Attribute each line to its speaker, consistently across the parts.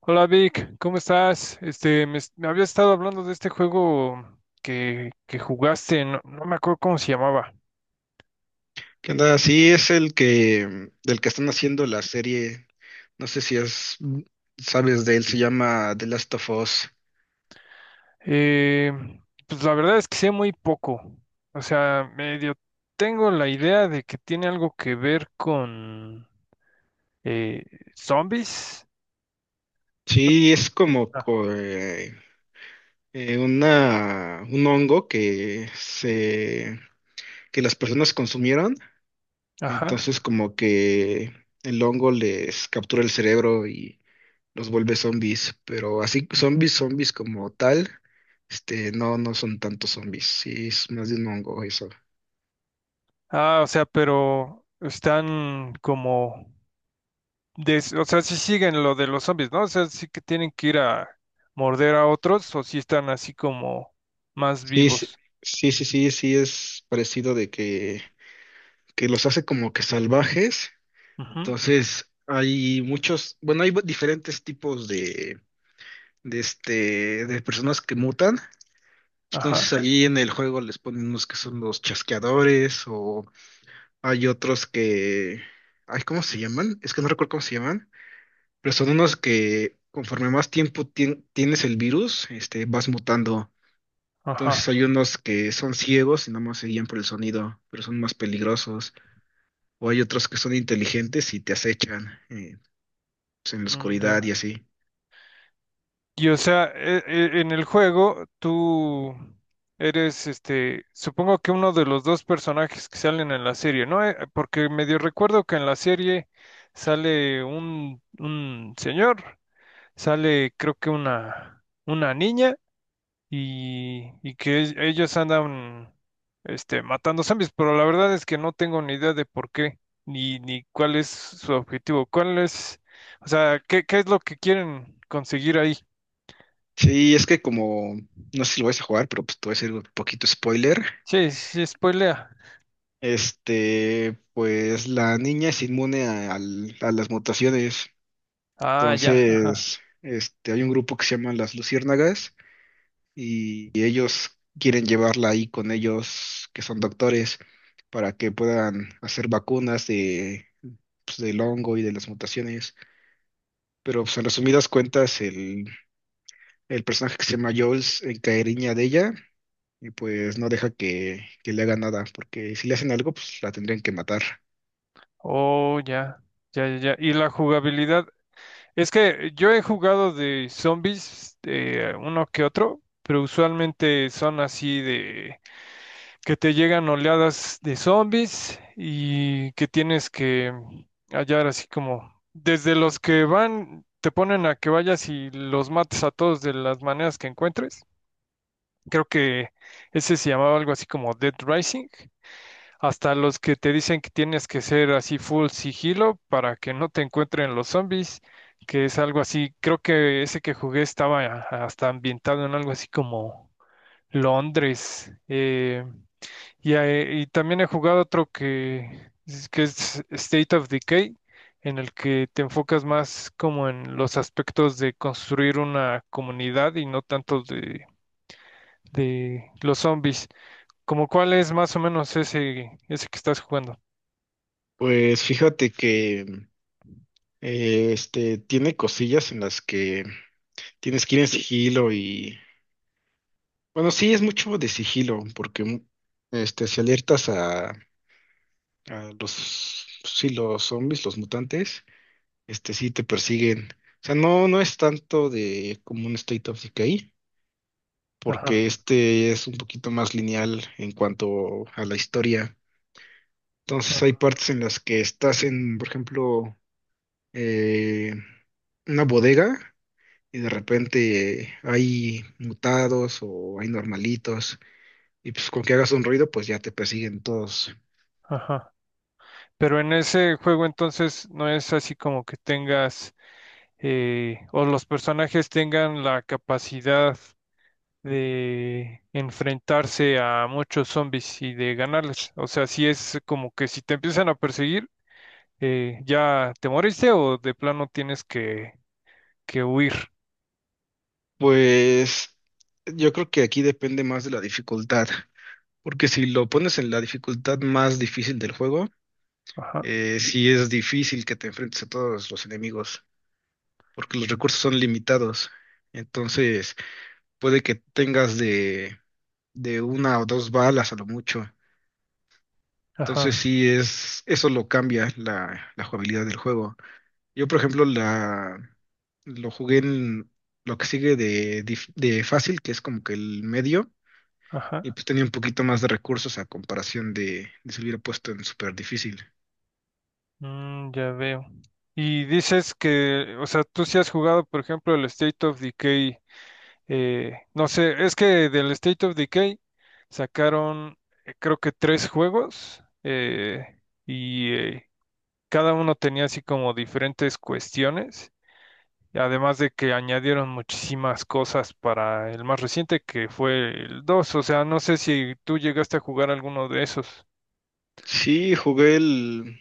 Speaker 1: Hola Vic, ¿cómo estás? Me habías estado hablando de este juego que jugaste, no me acuerdo cómo se llamaba.
Speaker 2: ¿Qué onda? Sí, es el que del que están haciendo la serie. No sé si es, sabes de él, se llama The Last of Us.
Speaker 1: Eh, pues la verdad es que sé muy poco. O sea, medio tengo la idea de que tiene algo que ver con eh, zombies.
Speaker 2: Sí, es como
Speaker 1: Ah.
Speaker 2: una un hongo que las personas consumieron.
Speaker 1: Ajá.
Speaker 2: Entonces, como que el hongo les captura el cerebro y los vuelve zombies. Pero así, zombies como tal, no, no son tantos zombies. Sí, es más de un hongo eso.
Speaker 1: Ah, o sea, pero están como o sea, si siguen lo de los zombies, ¿no? O sea, sí que tienen que ir a morder a otros o si están así como más
Speaker 2: Sí, sí,
Speaker 1: vivos.
Speaker 2: sí, sí, sí, sí es parecido de que los hace como que salvajes.
Speaker 1: Ujú.
Speaker 2: Entonces, hay muchos, bueno, hay diferentes tipos de personas que mutan.
Speaker 1: Ajá,
Speaker 2: Entonces, ahí en el juego les ponen unos que son los chasqueadores o hay otros que, ay, ¿cómo se llaman? Es que no recuerdo cómo se llaman, pero son unos que conforme más tiempo tienes el virus, vas mutando. Entonces
Speaker 1: ajá,
Speaker 2: hay unos que son ciegos y nada más se guían por el sonido, pero son más peligrosos. O hay otros que son inteligentes y te acechan pues, en la
Speaker 1: mm,
Speaker 2: oscuridad y
Speaker 1: ya.
Speaker 2: así.
Speaker 1: Y o sea, en el juego tú eres, este, supongo que uno de los dos personajes que salen en la serie, ¿no? Porque medio recuerdo que en la serie sale un señor, sale creo que una niña, y que ellos andan este, matando zombies, pero la verdad es que no tengo ni idea de por qué, ni cuál es su objetivo, cuál es, o sea, qué es lo que quieren conseguir ahí.
Speaker 2: Sí, es que como, no sé si lo vas a jugar, pero pues te voy a hacer un poquito spoiler.
Speaker 1: Sí, sí, spoilea.
Speaker 2: Pues la niña es inmune a las mutaciones.
Speaker 1: Ah, ya, ajá.
Speaker 2: Entonces, hay un grupo que se llama las Luciérnagas y ellos quieren llevarla ahí con ellos que son doctores para que puedan hacer vacunas de, pues, del hongo y de las mutaciones. Pero pues, en resumidas cuentas, el personaje que se llama Jules encariña de ella y pues no deja que le haga nada, porque si le hacen algo, pues la tendrían que matar.
Speaker 1: Oh, ya, ya, ya, ya. Y la jugabilidad, es que yo he jugado de zombies, uno que otro, pero usualmente son así de que te llegan oleadas de zombies y que tienes que hallar así como desde los que van, te ponen a que vayas y los mates a todos de las maneras que encuentres. Creo que ese se llamaba algo así como Dead Rising. Hasta los que te dicen que tienes que ser así full sigilo para que no te encuentren los zombies, que es algo así. Creo que ese que jugué estaba hasta ambientado en algo así como Londres. Y, y también he jugado otro que, que es State of Decay, en el que te enfocas más como en los aspectos de construir una comunidad y no tanto de los zombies. Como cuál es más o menos ese, ese que estás jugando.
Speaker 2: Pues fíjate que este tiene cosillas en las que tienes que ir en sigilo y bueno, sí, es mucho de sigilo, porque si alertas a los, sí, los zombies, los mutantes, sí te persiguen. O sea, no, no es tanto de como un State of Decay,
Speaker 1: Ajá,
Speaker 2: porque este es un poquito más lineal en cuanto a la historia. Entonces hay
Speaker 1: ajá,
Speaker 2: partes en las que estás en, por ejemplo, eh, una bodega y de repente hay mutados o hay normalitos. Y pues con que hagas un ruido, pues ya te persiguen todos.
Speaker 1: ajá. Pero en ese juego entonces no es así como que tengas o los personajes tengan la capacidad de enfrentarse a muchos zombies y de ganarles. O sea, si es como que si te empiezan a perseguir, ya te moriste o de plano tienes que huir.
Speaker 2: Pues yo creo que aquí depende más de la dificultad, porque si lo pones en la dificultad más difícil del juego,
Speaker 1: Ajá,
Speaker 2: sí es difícil que te enfrentes a todos los enemigos, porque los recursos son limitados. Entonces puede que tengas de una o dos balas a lo mucho. Entonces
Speaker 1: ajá,
Speaker 2: sí es, eso lo cambia la jugabilidad del juego. Yo, por ejemplo, lo jugué en lo que sigue de fácil, que es como que el medio, y
Speaker 1: ajá.
Speaker 2: pues tenía un poquito más de recursos a comparación de si lo hubiera puesto en súper difícil.
Speaker 1: Mm, ya veo. Y dices que, o sea, tú si has jugado, por ejemplo, el State of Decay, no sé, es que del State of Decay sacaron, creo que tres juegos, y cada uno tenía así como diferentes cuestiones, y además de que añadieron muchísimas cosas para el más reciente que fue el dos, o sea, no sé si tú llegaste a jugar alguno de esos,
Speaker 2: Sí, jugué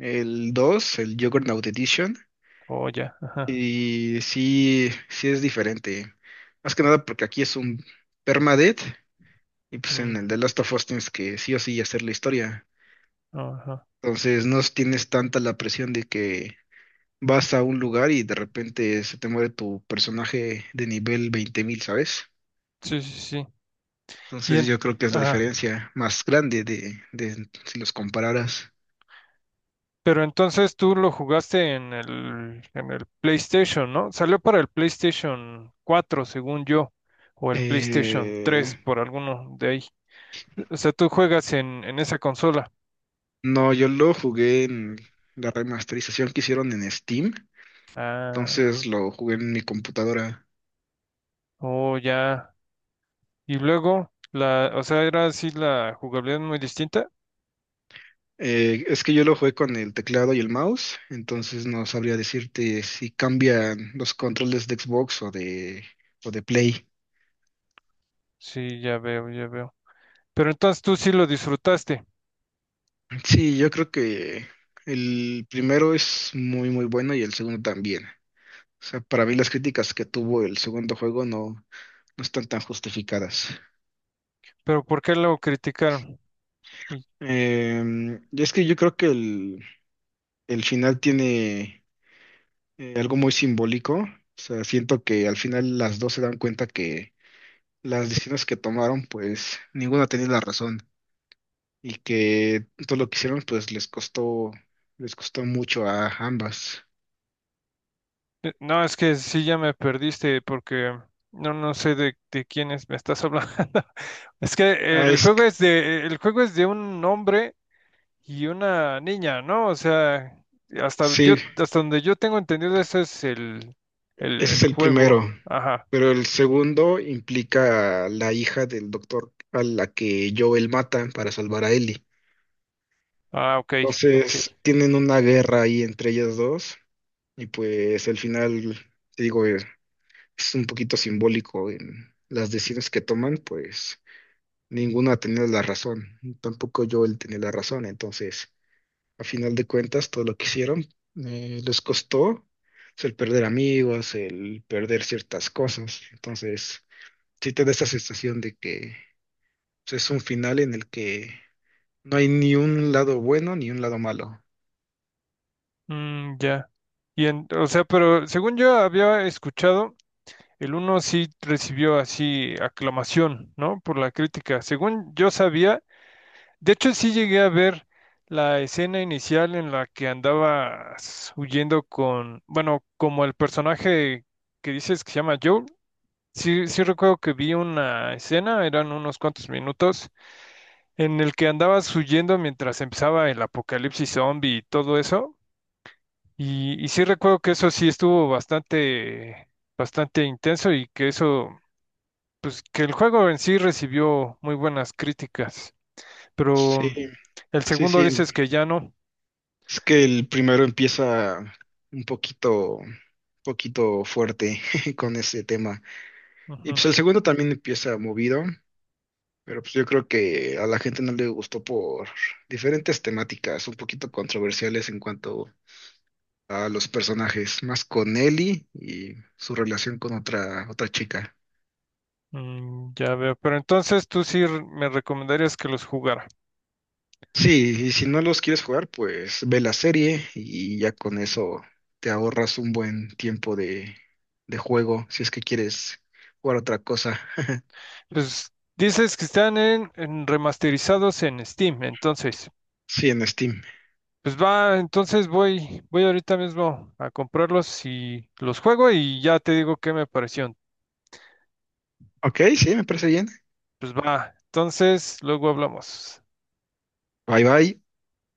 Speaker 2: el dos, el Juggernaut Edition,
Speaker 1: o ya, ajá,
Speaker 2: y sí, sí es diferente. Más que nada porque aquí es un permadeath, y pues en el The
Speaker 1: ujú,
Speaker 2: Last of Us tienes que sí o sí hacer la historia.
Speaker 1: ajá,
Speaker 2: Entonces no tienes tanta la presión de que vas a un lugar y de repente se te muere tu personaje de nivel 20 mil, ¿sabes?
Speaker 1: sí, sí, sí, y
Speaker 2: Entonces
Speaker 1: en-
Speaker 2: yo creo que es la
Speaker 1: ajá,
Speaker 2: diferencia más grande de si los compararas.
Speaker 1: pero entonces tú lo jugaste en el PlayStation, ¿no? Salió para el PlayStation 4 según yo, o el PlayStation 3
Speaker 2: Eh,
Speaker 1: por alguno de ahí, o sea, tú juegas en esa consola.
Speaker 2: no, yo lo jugué en la remasterización que hicieron en Steam,
Speaker 1: Ah.
Speaker 2: entonces lo jugué en mi computadora.
Speaker 1: Oh, ya. Y luego, la, o sea, era así la jugabilidad muy distinta.
Speaker 2: Es que yo lo jugué con el teclado y el mouse, entonces no sabría decirte si cambian los controles de Xbox o de Play.
Speaker 1: Sí, ya veo, ya veo. Pero entonces tú sí lo disfrutaste.
Speaker 2: Sí, yo creo que el primero es muy muy bueno y el segundo también. O sea, para mí las críticas que tuvo el segundo juego no, no están tan justificadas.
Speaker 1: Pero ¿por qué lo criticaron? Uy.
Speaker 2: Y es que yo creo que el final tiene algo muy simbólico. O sea, siento que al final las dos se dan cuenta que las decisiones que tomaron, pues ninguna tenía la razón y que todo lo que hicieron, pues les costó mucho a ambas.
Speaker 1: No, es que sí ya me perdiste porque no, no sé de quiénes me estás hablando. Es que
Speaker 2: Ah,
Speaker 1: el
Speaker 2: es
Speaker 1: juego
Speaker 2: que-
Speaker 1: es de, el juego es de un hombre y una niña, ¿no? O sea, hasta yo,
Speaker 2: sí.
Speaker 1: hasta donde yo tengo entendido, ese es el,
Speaker 2: Ese es
Speaker 1: el
Speaker 2: el primero,
Speaker 1: juego. Ajá.
Speaker 2: pero el segundo implica a la hija del doctor a la que Joel mata para salvar a Ellie.
Speaker 1: Ah, ok, ok.
Speaker 2: Entonces tienen una guerra ahí entre ellas dos y pues al final, te digo, es un poquito simbólico en las decisiones que toman, pues ninguna tenía la razón, tampoco Joel tenía la razón, entonces a final de cuentas todo lo que hicieron les costó, pues, el perder amigos, el perder ciertas cosas, entonces sí te da esa sensación de que pues, es un final en el que no hay ni un lado bueno ni un lado malo.
Speaker 1: Mm, ya. O sea, pero según yo había escuchado, el uno sí recibió así aclamación, ¿no? Por la crítica. Según yo sabía. De hecho, sí llegué a ver la escena inicial en la que andabas huyendo con, bueno, como el personaje que dices que se llama Joel. Sí, sí recuerdo que vi una escena, eran unos cuantos minutos, en el que andabas huyendo mientras empezaba el apocalipsis zombie y todo eso. Y sí recuerdo que eso sí estuvo bastante, bastante intenso y que eso, pues que el juego en sí recibió muy buenas críticas.
Speaker 2: Sí,
Speaker 1: Pero el
Speaker 2: sí,
Speaker 1: segundo
Speaker 2: sí.
Speaker 1: dices que ya no.
Speaker 2: Es que el primero empieza un poquito fuerte con ese tema. Y
Speaker 1: Ujú.
Speaker 2: pues el segundo también empieza movido, pero pues yo creo que a la gente no le gustó por diferentes temáticas un poquito controversiales en cuanto a los personajes, más con Ellie y su relación con otra, otra chica.
Speaker 1: Mm, ya veo. Pero entonces tú sí me recomendarías que los jugara.
Speaker 2: Sí, y si no los quieres jugar, pues ve la serie y ya con eso te ahorras un buen tiempo de juego si es que quieres jugar otra cosa.
Speaker 1: Pues dices que están en remasterizados en Steam, entonces,
Speaker 2: Sí, en Steam.
Speaker 1: pues va, entonces voy, voy ahorita mismo a comprarlos y los juego y ya te digo qué me pareció.
Speaker 2: Ok, sí, me parece bien.
Speaker 1: Pues va, entonces luego hablamos.
Speaker 2: Bye bye.